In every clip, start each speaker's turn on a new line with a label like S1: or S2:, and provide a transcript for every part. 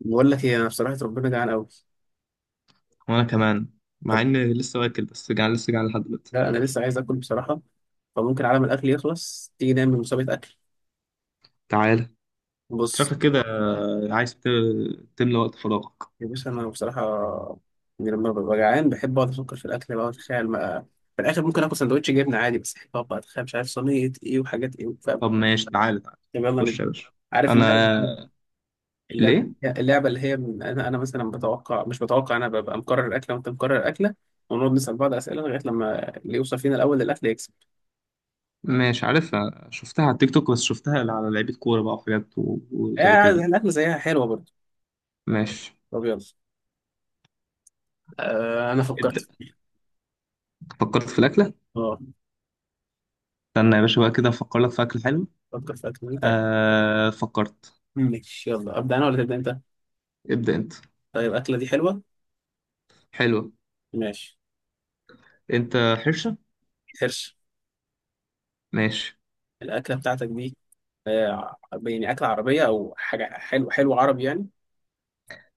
S1: بقول لك ايه؟ انا بصراحه ربنا جعان قوي.
S2: وانا كمان مع
S1: طب
S2: اني لسه واكل بس جعان لسه جعان لحد دلوقتي.
S1: لا انا لسه عايز اكل بصراحه، فممكن عالم الاكل يخلص تيجي نعمل مسابقه اكل.
S2: تعالى.
S1: بص
S2: شكلك كده عايز تملى وقت فراغك.
S1: يا باشا، انا بصراحه لما ببقى جعان بحب اقعد افكر في الاكل، بقى اتخيل. ما في الاخر ممكن اكل سندوتش جبنه عادي، بس احب اقعد بقى اتخيل مش عارف صينيه ايه وحاجات ايه، فاهم؟
S2: طب ماشي، تعالى تعالى.
S1: طب يلا
S2: خش يا
S1: ند.
S2: باشا.
S1: عارف اللعبه؟
S2: انا.
S1: اللعبه
S2: ليه؟
S1: اللعبه اللي هي من انا مثلا بتوقع مش بتوقع، انا ببقى مقرر الاكله وانت مقرر الاكله، ونقعد نسال بعض اسئله لغايه لما اللي يوصل فينا الاول للاكل يكسب.
S2: مش عارف. شفتها على التيك توك بس شفتها على لعيبه كوره بقى وحاجات وزي
S1: يعني
S2: كده.
S1: الاكل زيها حلوه برضه.
S2: ماشي
S1: طب يلا. آه انا
S2: ابدا.
S1: فكرت.
S2: فكرت في الاكله.
S1: اه
S2: استنى يا باشا بقى كده افكر لك في اكل حلو.
S1: فكر في اكله طيب.
S2: آه فكرت.
S1: ماشي يلا، ابدا انا ولا تبدا انت؟
S2: ابدا انت.
S1: طيب الاكله دي حلوه.
S2: حلوه.
S1: ماشي.
S2: انت حرشه.
S1: حرش.
S2: ماشي.
S1: الاكله بتاعتك دي آه، اكله عربيه او حاجه حلو، حلو عربي يعني؟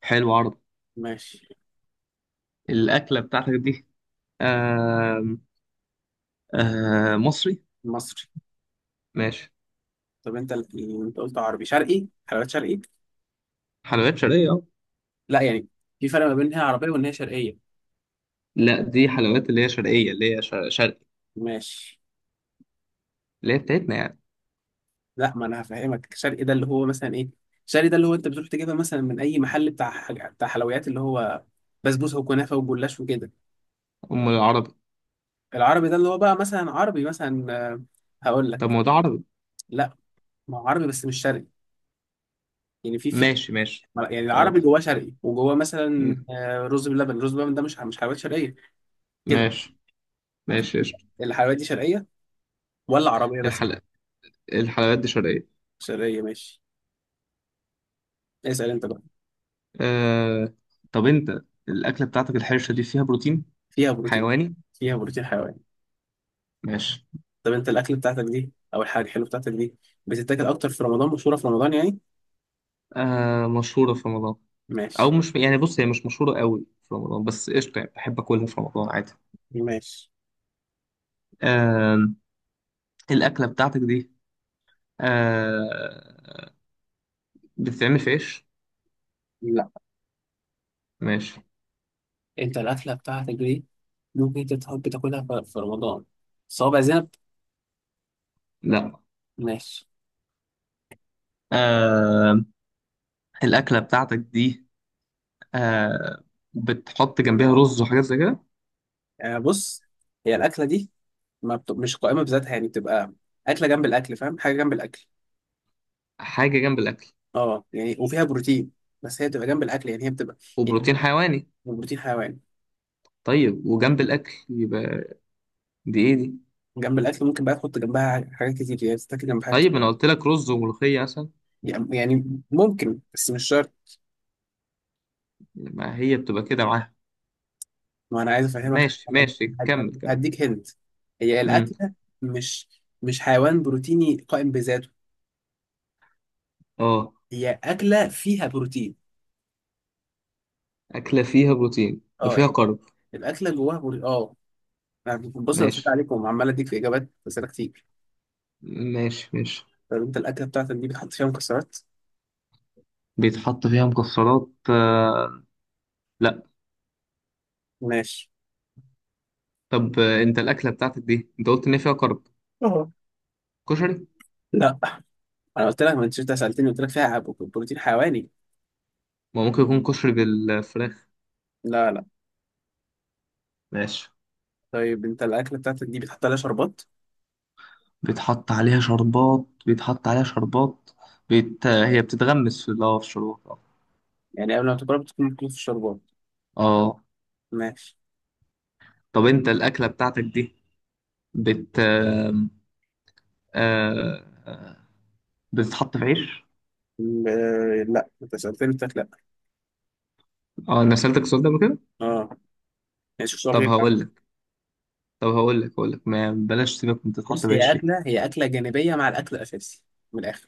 S2: حلو عرض.
S1: ماشي.
S2: الاكله بتاعتك دي؟ آه. آه مصري.
S1: مصري.
S2: ماشي.
S1: طب انت انت قلت عربي شرقي، حلويات شرقي؟
S2: حلويات شرقية اه.
S1: لا في فرق ما بين إن هي عربيه وان هي شرقيه.
S2: لا دي حلويات اللي هي شرقية، اللي هي شرقي،
S1: ماشي.
S2: اللي هي بتاعتنا يعني.
S1: لا ما انا هفهمك، شرقي ده اللي هو مثلا ايه؟ شرقي ده اللي هو انت بتروح تجيبها مثلا من اي محل بتاع بتاع حلويات اللي هو بسبوسه وكنافه وجلاش وكده.
S2: أم العربي؟
S1: العربي ده اللي هو بقى مثلا عربي مثلا آه، هقول لك.
S2: طب ما هو ده عربي.
S1: لا ما هو عربي بس مش شرقي. يعني في في
S2: ماشي ماشي.
S1: يعني
S2: خلاص
S1: العربي جواه
S2: قشطة.
S1: شرقي وجواه
S2: م-
S1: مثلا آه، رز بلبن. رز بلبن ده مش حلويات شرقيه. كده
S2: ماشي ماشي قشطة.
S1: الحلويات دي شرقيه ولا عربيه بس؟
S2: الحل... الحلويات دي شرقية.
S1: شرقيه ماشي. اسال انت بقى.
S2: آه... طب أنت، الأكلة بتاعتك الحرشة دي فيها بروتين
S1: فيها بروتين.
S2: حيواني؟
S1: فيها بروتين حيواني.
S2: ماشي.
S1: طب انت الاكل بتاعتك دي او الحاجه الحلوه بتاعتك دي بتتاكل اكتر في رمضان، مشهوره في رمضان يعني؟
S2: مشهورة في رمضان. أو
S1: ماشي.
S2: مش يعني، بص هي مش مشهورة قوي في رمضان، بس قشطة يعني بحب أكلها في رمضان عادي.
S1: ماشي.
S2: آه... الأكلة بتاعتك دي آه... بتتعمل في عيش؟
S1: لا.
S2: ماشي.
S1: انت الاكله بتاعتك دي ممكن تتحب تاكلها في رمضان؟ صوابع زينب.
S2: لا.
S1: ماشي.
S2: آه الأكلة بتاعتك دي آه بتحط جنبها رز وحاجات زي كده؟
S1: آه، بص هي الاكله دي ما بت... مش قائمه بذاتها، يعني بتبقى اكله جنب الاكل، فاهم؟ حاجه جنب الاكل.
S2: حاجة جنب الأكل.
S1: اه يعني، وفيها بروتين. بس هي بتبقى جنب الاكل، يعني هي بتبقى يعني
S2: وبروتين حيواني.
S1: بروتين حيواني.
S2: طيب وجنب الأكل يبقى دي إيه دي؟
S1: جنب الاكل ممكن بقى تحط جنبها حاجات كتير، يعني تتاكل جنب حاجات
S2: طيب
S1: كتير.
S2: أنا قلت لك رز وملوخية مثلا.
S1: يعني يعني ممكن بس مش شرط.
S2: ما هي بتبقى كده معاها.
S1: ما انا عايز افهمك
S2: ماشي ماشي كمل كمل.
S1: هديك هنت. هي
S2: امم
S1: الاكله مش مش حيوان بروتيني قائم بذاته،
S2: اه،
S1: هي اكله فيها بروتين.
S2: أكلة فيها بروتين
S1: اه
S2: وفيها
S1: يعني،
S2: كارب.
S1: الاكله جواها بروتين، اه. أنا بص، انا بسأل
S2: ماشي
S1: عليكم وعمال اديك في اجابات اسئله كتير.
S2: ماشي. ماشي،
S1: طب انت الاكله بتاعتك دي بتحط فيها مكسرات؟
S2: بيتحط فيها مكسرات آه، لا.
S1: ماشي.
S2: طب انت الأكلة بتاعتك دي انت قلت ان هي فيها كارب،
S1: اه
S2: كشري؟
S1: لا انا قلت لك، ما انت شفت سالتني قلت لك فيها بروتين حيواني.
S2: ما ممكن يكون كشري بالفراخ.
S1: لا لا.
S2: ماشي.
S1: طيب انت الاكله بتاعتك دي بتحط عليها شربات؟
S2: بيتحط عليها شربات، بيتحط عليها شربات. هي بتتغمس في اه، في الشربات اه.
S1: يعني قبل ما تاكلها بتكون مكتوب في الشربات؟
S2: اه.
S1: ماشي.
S2: طب انت الاكله بتاعتك دي، بت آم، آه... بتتحط في عيش؟
S1: لا انت سالتني قلت لك لا.
S2: اه انا سألتك السؤال ده قبل كده.
S1: اه ماشي سؤال
S2: طب
S1: غير عادي.
S2: هقول لك، طب هقول لك، هقول لك ما بلاش سيبك من تتحط
S1: بص هي
S2: بعيش دي.
S1: اكله، هي اكله جانبيه مع الاكل الاساسي، من الاخر.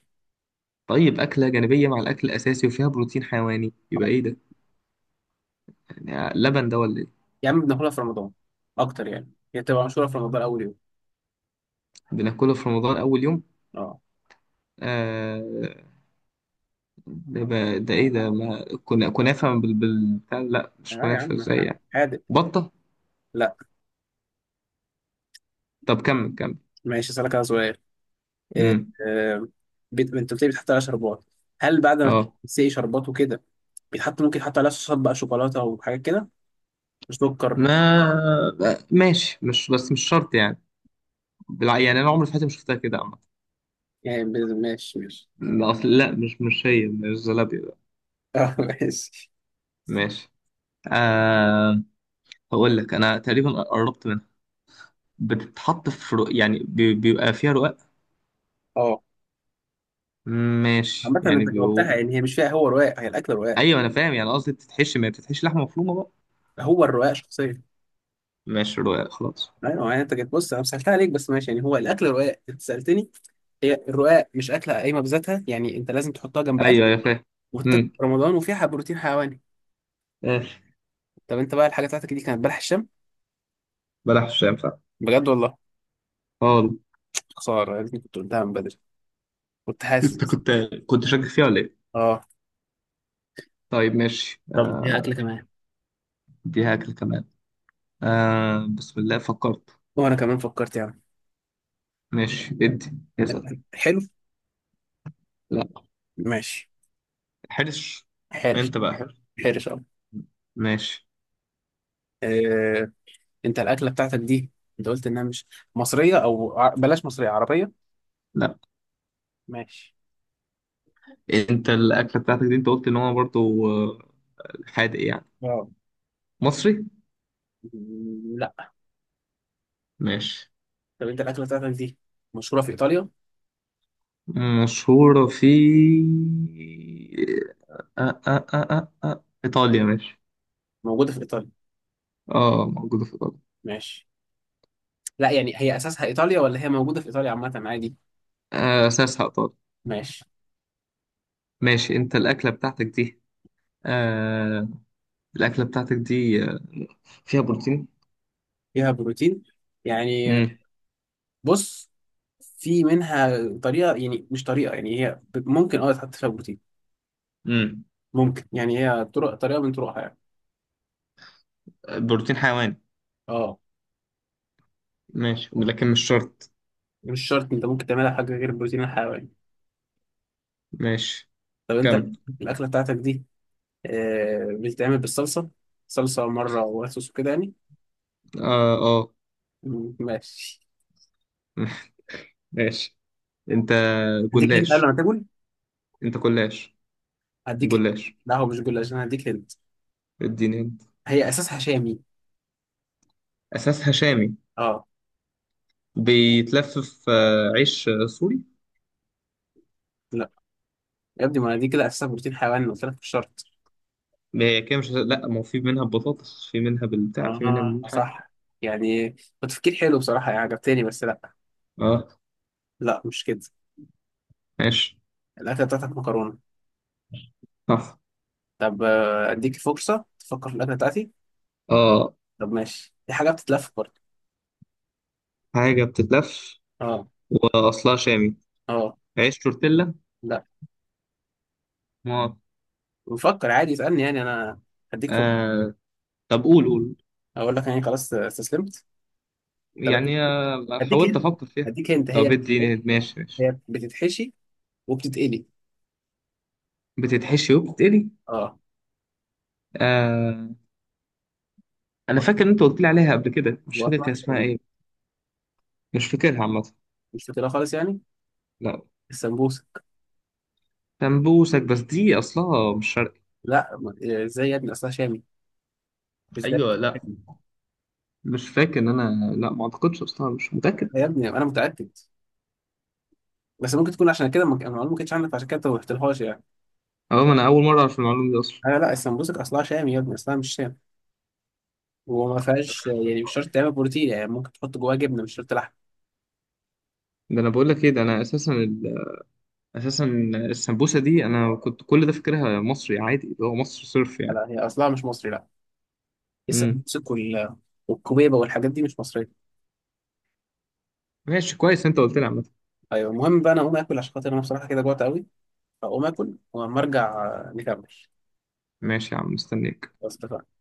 S2: طيب اكله جانبيه مع الاكل الاساسي وفيها بروتين حيواني،
S1: آه.
S2: يبقى ايه ده؟ يعني لبن ده ولا ايه؟
S1: يا عم بناكلها في رمضان اكتر، يعني هي بتبقى مشهوره في رمضان اول يوم.
S2: بناكله في رمضان اول يوم؟
S1: اه.
S2: آه. ده بقى ده ايه ده؟ ما كنا كنافه لا
S1: اه
S2: مش
S1: يا
S2: كنافه،
S1: عم.
S2: ازاي يعني؟
S1: حادق.
S2: بطه؟
S1: لا.
S2: طب كمل كمل.
S1: ماشي اسالك انا سؤال. آه،
S2: امم
S1: آه، انت قلت لي بتحط عليها شربات، هل بعد ما
S2: اه.
S1: تسقي شربات وكده بيتحط، ممكن يحط عليها صوصات بقى، شوكولاته وحاجات كده، سكر؟
S2: ما ماشي، مش بس مش شرط يعني. يعني انا عمري في حياتي ما شفتها كده عامه.
S1: ماشي ماشي.
S2: لا اصل، لا مش هي مش زلابيا ده.
S1: اه ماشي.
S2: ماشي. آه هقول لك، انا تقريبا قربت منها. بتتحط في يعني بيبقى فيها رقاق.
S1: اه
S2: ماشي
S1: عامة
S2: يعني
S1: انت
S2: بيبقوا.
S1: جاوبتها، يعني هي مش فيها، هو رواق، هي الاكل رواق.
S2: ايوه انا فاهم، يعني قصدي بتتحشي ما بتتحشي لحمه مفرومه بقى.
S1: هو الرواق شخصيا.
S2: ماشي رقاق خلاص.
S1: ايوه يعني انت جيت، بص انا سالتها عليك بس ماشي، يعني هو الاكل رواق انت سالتني. هي الرواق، مش اكله قايمه بذاتها يعني، انت لازم تحطها جنب اكل،
S2: ايوه يا
S1: وتتاكل
S2: فاهم.
S1: في رمضان، وفيها بروتين حيواني.
S2: ماشي.
S1: طب انت بقى الحاجه بتاعتك دي كانت بلح الشام؟
S2: بلاش مش هينفع
S1: بجد والله.
S2: خالص.
S1: خساره يا ريتني كنت قلتها من بدري، كنت
S2: انت
S1: حاسس.
S2: كنت، كنت شاكك فيها ولا ايه؟
S1: اه
S2: طيب ماشي
S1: طب اديها اكل كمان.
S2: اديها اكل كمان. آه بسم الله فكرت.
S1: وانا كمان فكرت يعني.
S2: ماشي ادي اسال.
S1: حلو.
S2: لا.
S1: ماشي.
S2: حرش.
S1: حرش.
S2: انت بقى حرش.
S1: حرش اه.
S2: ماشي.
S1: آه، انت الاكله بتاعتك دي انت قلت انها مش مصريه او بلاش، مصريه، عربيه.
S2: لا.
S1: ماشي.
S2: انت الاكله بتاعتك دي انت قلت ان هو برضو آه، حادق يعني،
S1: اه.
S2: مصري؟
S1: مم، لا.
S2: ماشي.
S1: طب انت الاكله بتاعتك دي مشهوره في ايطاليا؟
S2: مشهوره في آه ايطاليا ماشي.
S1: موجوده في ايطاليا.
S2: اه موجوده في ايطاليا.
S1: ماشي. لا يعني هي اساسها ايطاليا ولا هي موجوده في ايطاليا عامه عادي؟
S2: آه اساسها ايطاليا.
S1: ماشي.
S2: ماشي. انت الاكله بتاعتك دي آه، الأكلة بتاعتك دي فيها بروتين؟
S1: فيها بروتين يعني؟
S2: مم.
S1: بص في منها طريقه، يعني مش طريقه، يعني هي ممكن اه تحط فيها بروتين.
S2: مم.
S1: ممكن، يعني هي طرق، طريقه من طرقها يعني.
S2: بروتين حيواني.
S1: اه.
S2: ماشي لكن مش شرط.
S1: مش شرط، انت ممكن تعملها حاجه غير البروتين الحيواني.
S2: ماشي
S1: طب انت
S2: كمل.
S1: الاكله بتاعتك دي آه بتتعمل بالصلصه، صلصه مره وصوص وكده يعني؟
S2: اه اه.
S1: مم، ماشي.
S2: ماشي. انت
S1: هديك هنت قبل
S2: جلاش،
S1: ما تاكل.
S2: انت جلاش.
S1: هديك هنت.
S2: جلاش.
S1: لا هو مش جلاش، انا هديك هنت.
S2: اديني انت.
S1: هي اساسها شامي.
S2: اساسها شامي.
S1: اه.
S2: بيتلف في عيش سوري.
S1: لا يا ابني، ما دي كده اساسها بروتين حيواني قلت لك مش شرط.
S2: ما هي كده مش، لا ما هو في منها بطاطس، في منها بالبتاع، في منها
S1: اه
S2: من حاجه.
S1: صح، يعني تفكير حلو بصراحه يعني، عجبتني، بس لا.
S2: اه
S1: لا مش كده.
S2: ماشي
S1: الاكله بتاعتك مكرونه.
S2: صح.
S1: طب آه، اديك فرصه تفكر في الاكله بتاعتي.
S2: اه
S1: طب ماشي، دي حاجة بتتلف برضه.
S2: حاجه بتتلف.
S1: اه.
S2: واصلها شامي.
S1: اه
S2: عيش تورتيلا.
S1: لا.
S2: ما
S1: بفكر عادي، اسألني يعني انا. هديك فوق.
S2: آه. طب قول قول.
S1: اقول لك يعني خلاص، استسلمت. طب
S2: يعني
S1: هديك
S2: حاولت
S1: هنا،
S2: افكر فيها.
S1: هديك انت.
S2: طب
S1: هي
S2: ادي
S1: هي،
S2: ماشي ماشي.
S1: هي بتتحشي وبتتقلي.
S2: بتتحشي وبتتقلي.
S1: اه.
S2: آه انا فاكر ان انت قلت لي عليها قبل كده، مش فاكر
S1: واصلها
S2: كان اسمها
S1: شامي.
S2: ايه. مش فاكرها عامه.
S1: مش فاكرها خالص يعني.
S2: لا.
S1: السمبوسه.
S2: سمبوسك، بس دي اصلها مش شرقي.
S1: لا ازاي يا ابني اصلها شامي. مش ده.
S2: ايوه لا، مش فاكر ان انا، لا ما اعتقدش اصلها، مش متاكد.
S1: يا ابني انا متأكد، بس ممكن تكون عشان كده المعلومه ما كانتش عندك، عشان كده انت ما رحتلهاش يعني.
S2: اه ما انا اول مره اعرف المعلومه دي اصلا.
S1: لا السمبوسك اصلها شامي يا ابني، اصلها مش شامي، وما فيهاش يعني مش شرط تعمل بروتين، يعني ممكن تحط جواها جبنه مش شرط لحم.
S2: ده انا بقول لك ايه، ده انا اساسا اساسا السمبوسه دي انا كنت كل ده فاكرها مصري عادي اللي هو مصر صرف يعني.
S1: لا هي اصلها مش مصري لا.
S2: امم
S1: السمسك والكوبيبه والحاجات دي مش مصريه.
S2: ماشي كويس، انت قلت لي عامه.
S1: ايوه المهم بقى انا اقوم اكل عشان خاطر انا بصراحه كده جوعت قوي، فاقوم اكل ولما ارجع آه، نكمل.
S2: ماشي يا عم مستنيك.
S1: بس اتفقنا.